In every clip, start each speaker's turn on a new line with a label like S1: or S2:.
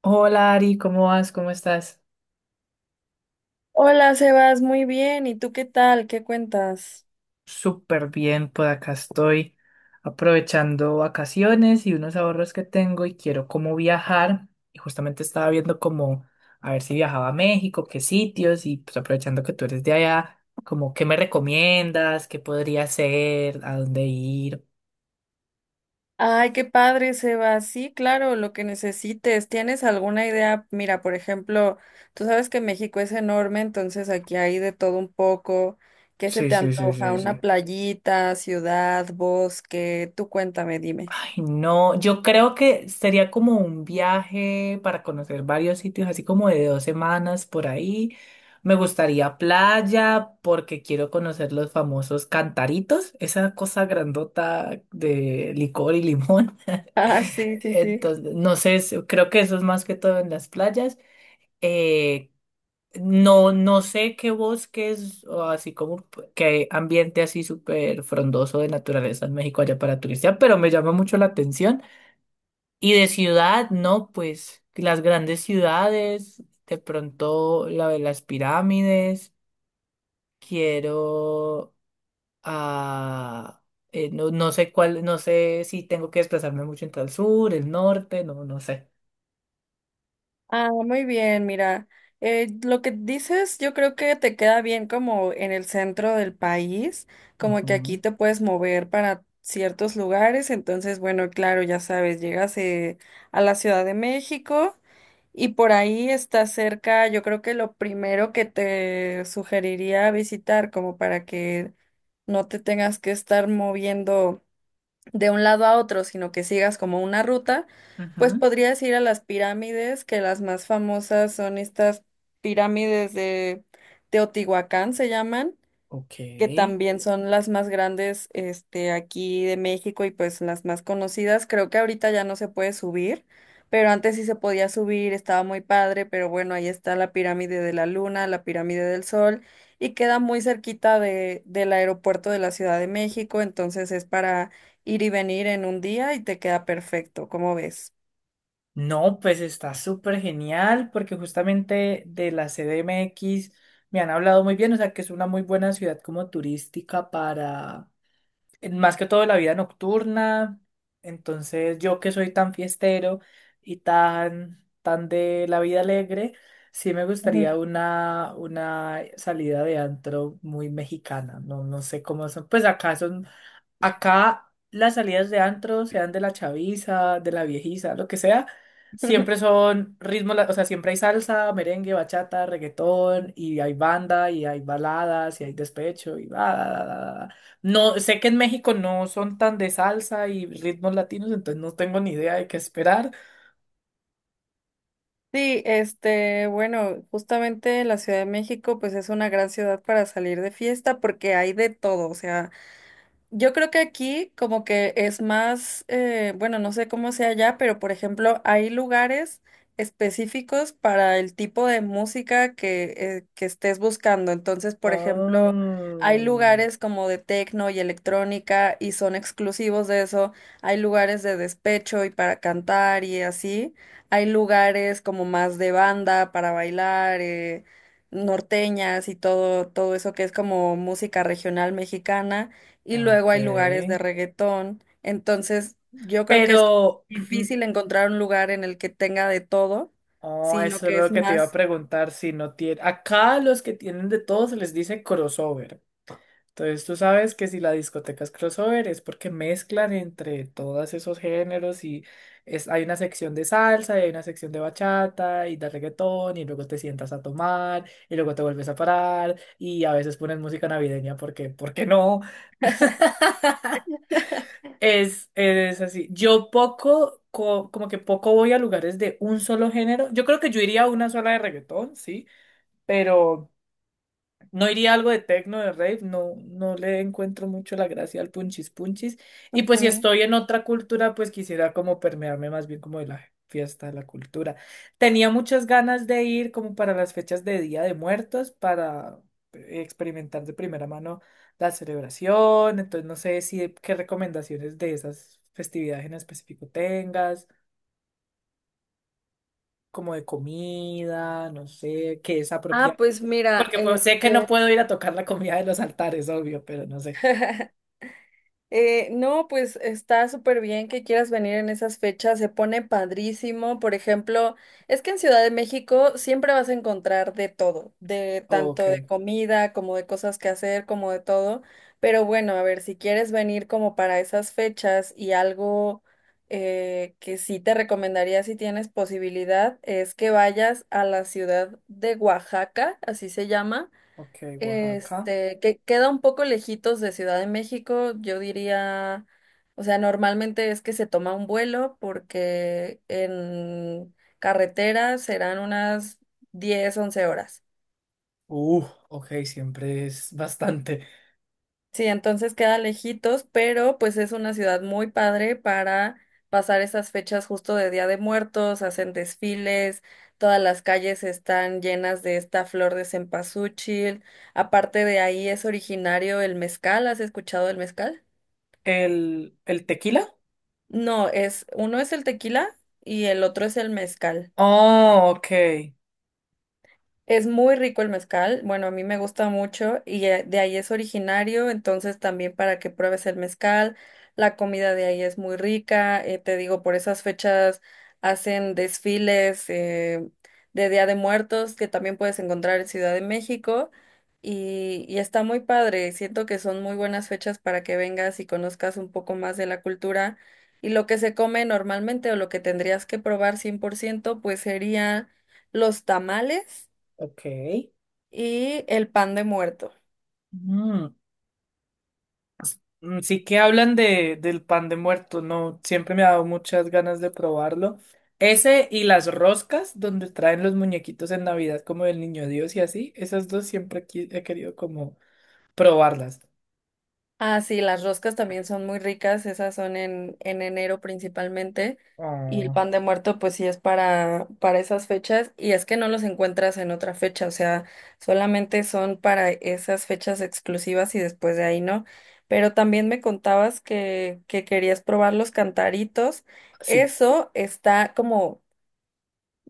S1: Hola Ari, ¿cómo vas? ¿Cómo estás?
S2: Hola, Sebas, muy bien. ¿Y tú qué tal? ¿Qué cuentas?
S1: Súper bien, por acá estoy aprovechando vacaciones y unos ahorros que tengo y quiero como viajar. Y justamente estaba viendo como a ver si viajaba a México, qué sitios y pues aprovechando que tú eres de allá, como qué me recomiendas, qué podría hacer, a dónde ir.
S2: Ay, qué padre, Sebas. Sí, claro, lo que necesites. ¿Tienes alguna idea? Mira, por ejemplo, tú sabes que México es enorme, entonces aquí hay de todo un poco. ¿Qué se
S1: Sí,
S2: te
S1: sí, sí,
S2: antoja?
S1: sí,
S2: ¿Una
S1: sí.
S2: playita, ciudad, bosque? Tú cuéntame, dime.
S1: Ay, no, yo creo que sería como un viaje para conocer varios sitios, así como de dos semanas por ahí. Me gustaría playa porque quiero conocer los famosos cantaritos, esa cosa grandota de licor y limón.
S2: Ah, sí, sí, sí.
S1: Entonces, no sé, creo que eso es más que todo en las playas. Eh, no, no sé qué bosques o así como qué ambiente así súper frondoso de naturaleza en México allá para turistear, pero me llama mucho la atención. Y de ciudad, no, pues las grandes ciudades, de pronto la de las pirámides, quiero a... no, no sé cuál, no sé si tengo que desplazarme mucho entre el sur, el norte, no, no sé.
S2: Ah, muy bien, mira, lo que dices yo creo que te queda bien como en el centro del país, como que
S1: Ujú,
S2: aquí te puedes mover para ciertos lugares, entonces bueno, claro, ya sabes, llegas a la Ciudad de México, y por ahí está cerca. Yo creo que lo primero que te sugeriría visitar, como para que no te tengas que estar moviendo de un lado a otro, sino que sigas como una ruta, pues
S1: ujú.
S2: podrías ir a las pirámides, que las más famosas son estas pirámides de Teotihuacán, se llaman, que
S1: Ok.
S2: también son las más grandes, aquí de México, y pues las más conocidas. Creo que ahorita ya no se puede subir, pero antes sí se podía subir, estaba muy padre. Pero bueno, ahí está la pirámide de la Luna, la pirámide del Sol, y queda muy cerquita de, del aeropuerto de la Ciudad de México, entonces es para ir y venir en un día, y te queda perfecto, ¿cómo ves?
S1: No, pues está súper genial porque justamente de la CDMX me han hablado muy bien, o sea que es una muy buena ciudad como turística para más que todo la vida nocturna. Entonces, yo que soy tan fiestero y tan de la vida alegre, sí me gustaría
S2: Ujú.
S1: una salida de antro muy mexicana. No, no sé cómo son. Pues acá son. Acá las salidas de antro, sean de la chaviza, de la viejiza, lo que sea, siempre son ritmos, o sea, siempre hay salsa, merengue, bachata, reggaetón, y hay banda, y hay baladas, y hay despecho, y va, da, da, da, da. No, sé que en México no son tan de salsa y ritmos latinos, entonces no tengo ni idea de qué esperar.
S2: Sí, este, bueno, justamente la Ciudad de México, pues es una gran ciudad para salir de fiesta porque hay de todo, o sea, yo creo que aquí como que es más, bueno, no sé cómo sea allá, pero por ejemplo, hay lugares específicos para el tipo de música que estés buscando. Entonces, por ejemplo, hay
S1: Oh,
S2: lugares como de techno y electrónica, y son exclusivos de eso. Hay lugares de despecho y para cantar y así. Hay lugares como más de banda para bailar, norteñas y todo, todo eso que es como música regional mexicana, y luego hay lugares de
S1: ok.
S2: reggaetón. Entonces, yo creo que es
S1: Pero
S2: difícil encontrar un lugar en el que tenga de todo,
S1: oh,
S2: sino
S1: eso es
S2: que es
S1: lo que te iba a
S2: más.
S1: preguntar, si no tiene... Acá los que tienen de todo se les dice crossover. Entonces tú sabes que si la discoteca es crossover es porque mezclan entre todos esos géneros y es... hay una sección de salsa y hay una sección de bachata y de reggaetón y luego te sientas a tomar y luego te vuelves a parar y a veces ponen música navideña porque, ¿por qué no? Es así. Yo poco, como que poco voy a lugares de un solo género. Yo creo que yo iría a una sola de reggaetón, sí, pero... No iría a algo de techno, de rave, no, no le encuentro mucho la gracia al punchis punchis. Y pues si
S2: Ujú.
S1: estoy en otra cultura, pues quisiera como permearme más bien como de la fiesta, de la cultura. Tenía muchas ganas de ir como para las fechas de Día de Muertos, para experimentar de primera mano la celebración. Entonces no sé si qué recomendaciones de esas festividades en específico tengas, como de comida, no sé, qué es
S2: Ah,
S1: apropiado.
S2: pues mira,
S1: Porque pues sé que no
S2: este,
S1: puedo ir a tocar la comida de los altares, obvio, pero no sé.
S2: No, pues está súper bien que quieras venir en esas fechas, se pone padrísimo. Por ejemplo, es que en Ciudad de México siempre vas a encontrar de todo, de tanto
S1: Ok,
S2: de comida como de cosas que hacer, como de todo. Pero bueno, a ver, si quieres venir como para esas fechas y algo que sí te recomendaría si tienes posibilidad, es que vayas a la ciudad de Oaxaca, así se llama.
S1: ok, Oaxaca.
S2: Este, que queda un poco lejitos de Ciudad de México, yo diría, o sea, normalmente es que se toma un vuelo porque en carretera serán unas 10 u 11 horas.
S1: Uh, ok, siempre es bastante.
S2: Sí, entonces queda lejitos, pero pues es una ciudad muy padre para pasar esas fechas justo de Día de Muertos, hacen desfiles, todas las calles están llenas de esta flor de cempasúchil. Aparte, de ahí es originario el mezcal, ¿has escuchado el mezcal?
S1: El tequila?
S2: No, es, uno es el tequila y el otro es el mezcal.
S1: Oh, ok,
S2: Es muy rico el mezcal, bueno, a mí me gusta mucho, y de ahí es originario, entonces también para que pruebes el mezcal, la comida de ahí es muy rica, te digo, por esas fechas hacen desfiles de Día de Muertos, que también puedes encontrar en Ciudad de México, y está muy padre. Siento que son muy buenas fechas para que vengas y conozcas un poco más de la cultura, y lo que se come normalmente o lo que tendrías que probar 100%, pues sería los tamales
S1: ok.
S2: y el pan de muerto.
S1: Mm, mm, sí que hablan de, del pan de muerto, no, siempre me ha dado muchas ganas de probarlo. Ese y las roscas, donde traen los muñequitos en Navidad, como del Niño Dios y así, esas dos siempre he querido como probarlas.
S2: Ah, sí, las roscas también son muy ricas, esas son en enero principalmente. Y el
S1: Ah,
S2: pan de muerto, pues sí es para esas fechas. Y es que no los encuentras en otra fecha, o sea, solamente son para esas fechas exclusivas y después de ahí no. Pero también me contabas que querías probar los cantaritos.
S1: sí.
S2: Eso está como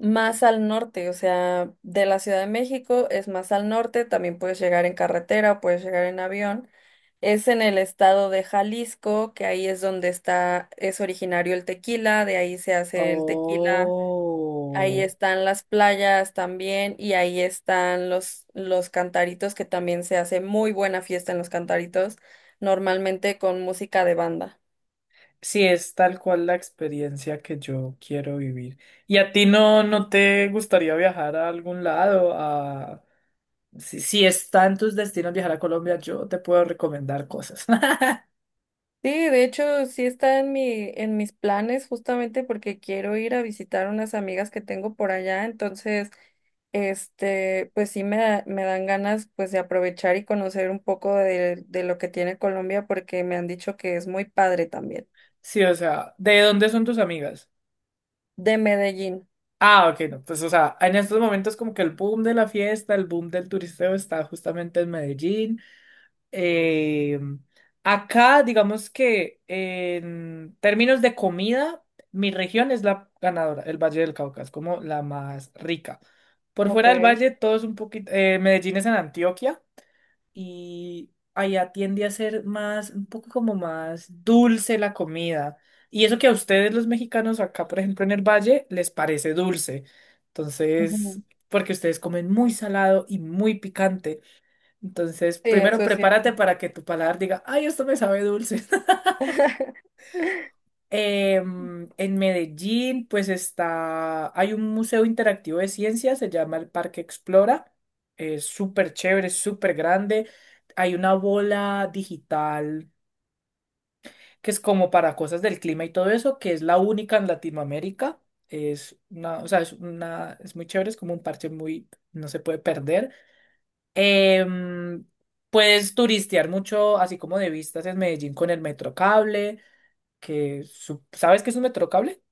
S2: más al norte, o sea, de la Ciudad de México es más al norte, también puedes llegar en carretera, puedes llegar en avión. Es en el estado de Jalisco, que ahí es donde está, es originario el tequila, de ahí se hace el tequila, ahí
S1: Oh,
S2: están las playas también, y ahí están los cantaritos, que también se hace muy buena fiesta en los cantaritos, normalmente con música de banda.
S1: sí, es tal cual la experiencia que yo quiero vivir. ¿Y a ti no te gustaría viajar a algún lado? A... Si está en tus destinos viajar a Colombia, yo te puedo recomendar cosas.
S2: Sí, de hecho, sí está en mi, en mis planes, justamente porque quiero ir a visitar unas amigas que tengo por allá, entonces, este, pues sí me, me dan ganas pues de aprovechar y conocer un poco de lo que tiene Colombia porque me han dicho que es muy padre también.
S1: Sí, o sea, ¿de dónde son tus amigas?
S2: De Medellín.
S1: Ah, ok, no, pues o sea, en estos momentos como que el boom de la fiesta, el boom del turisteo está justamente en Medellín. Eh, acá, digamos que en términos de comida, mi región es la ganadora, el Valle del Cauca, es como la más rica. Por
S2: Ok.
S1: fuera del valle, todo es un poquito. Eh, Medellín es en Antioquia y allá tiende a ser más, un poco como más dulce la comida. Y eso que a ustedes, los mexicanos, acá, por ejemplo, en el valle, les parece dulce. Entonces,
S2: Ujú.
S1: porque ustedes comen muy salado y muy picante. Entonces,
S2: Sí,
S1: primero
S2: eso es
S1: prepárate
S2: cierto.
S1: para que tu paladar diga, ay, esto me sabe dulce. En Medellín, pues está, hay un museo interactivo de ciencia, se llama el Parque Explora. Es súper chévere, súper grande. Hay una bola digital que es como para cosas del clima y todo eso, que es la única en Latinoamérica. Es una, o sea, es una, es muy chévere, es como un parche muy, no se puede perder. Em, puedes turistear mucho, así como de vistas en Medellín con el Metrocable, que ¿sabes qué es un Metrocable?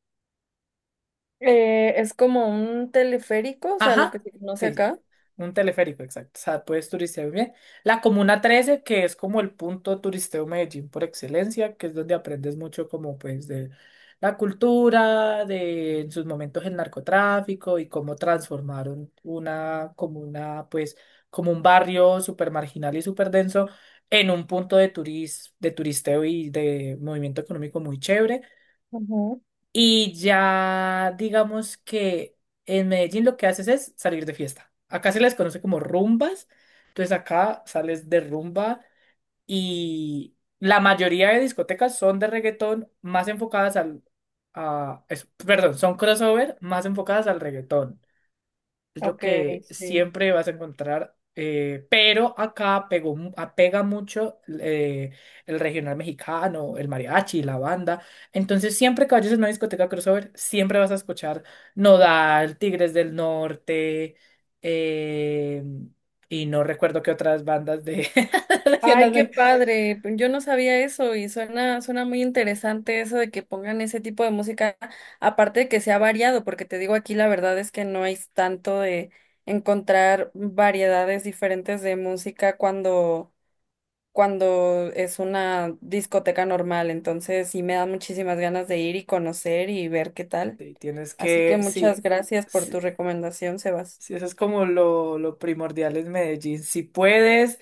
S2: Es como un teleférico, o sea, lo que
S1: Ajá,
S2: se conoce
S1: sí, sí,
S2: acá.
S1: un teleférico, exacto. O sea, puedes turistear muy bien. La Comuna Trece, que es como el punto turisteo Medellín por excelencia, que es donde aprendes mucho como pues de la cultura, de en sus momentos el narcotráfico y cómo transformaron una comuna, pues como un barrio súper marginal y súper denso en un punto de turis, de turisteo y de movimiento económico muy chévere.
S2: Ujú.
S1: Y ya digamos que en Medellín lo que haces es salir de fiesta. Acá se les conoce como rumbas. Entonces acá sales de rumba y la mayoría de discotecas son de reggaetón más enfocadas al... A, perdón, son crossover más enfocadas al reggaetón es lo
S2: Ok,
S1: que
S2: sí.
S1: siempre vas a encontrar. Pero acá pegó, apega mucho el regional mexicano, el mariachi, la banda. Entonces, siempre que vayas a una discoteca crossover, siempre vas a escuchar Nodal, Tigres del Norte, eh, y no recuerdo qué otras bandas de regional.
S2: Ay, qué
S1: Me
S2: padre, pues. Yo no sabía eso, y suena, suena muy interesante eso de que pongan ese tipo de música, aparte de que sea variado, porque te digo, aquí la verdad es que no hay tanto de encontrar variedades diferentes de música cuando, cuando es una discoteca normal. Entonces sí me da muchísimas ganas de ir y conocer y ver qué tal.
S1: sí, tienes
S2: Así que
S1: que,
S2: muchas
S1: sí.
S2: gracias por tu
S1: Sí,
S2: recomendación, Sebas.
S1: sí, eso es como lo primordial en Medellín. Si puedes,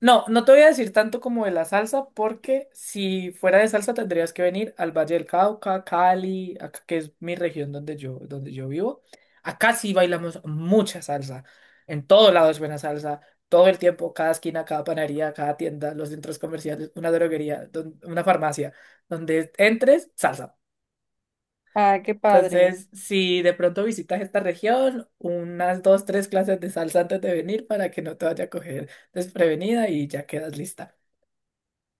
S1: no, no te voy a decir tanto como de la salsa, porque si fuera de salsa tendrías que venir al Valle del Cauca, Cali, acá, que es mi región donde yo vivo. Acá sí bailamos mucha salsa. En todo lado es buena salsa. Todo el tiempo, cada esquina, cada panadería, cada tienda, los centros comerciales, una droguería, una farmacia, donde entres, salsa.
S2: Ah, qué padre.
S1: Entonces, si de pronto visitas esta región, unas dos, tres clases de salsa antes de venir para que no te vaya a coger desprevenida y ya quedas lista.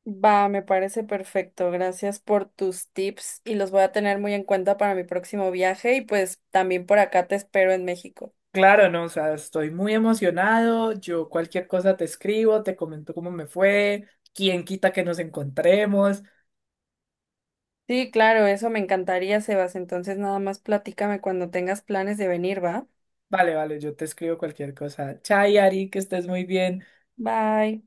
S2: Va, me parece perfecto. Gracias por tus tips y los voy a tener muy en cuenta para mi próximo viaje, y pues también por acá te espero en México.
S1: Claro, no, o sea, estoy muy emocionado. Yo cualquier cosa te escribo, te comento cómo me fue, quién quita que nos encontremos.
S2: Sí, claro, eso me encantaría, Sebas. Entonces nada más platícame cuando tengas planes de venir, ¿va?
S1: Vale, vale, yo te escribo cualquier cosa. Chai, Ari, que estés muy bien.
S2: Bye.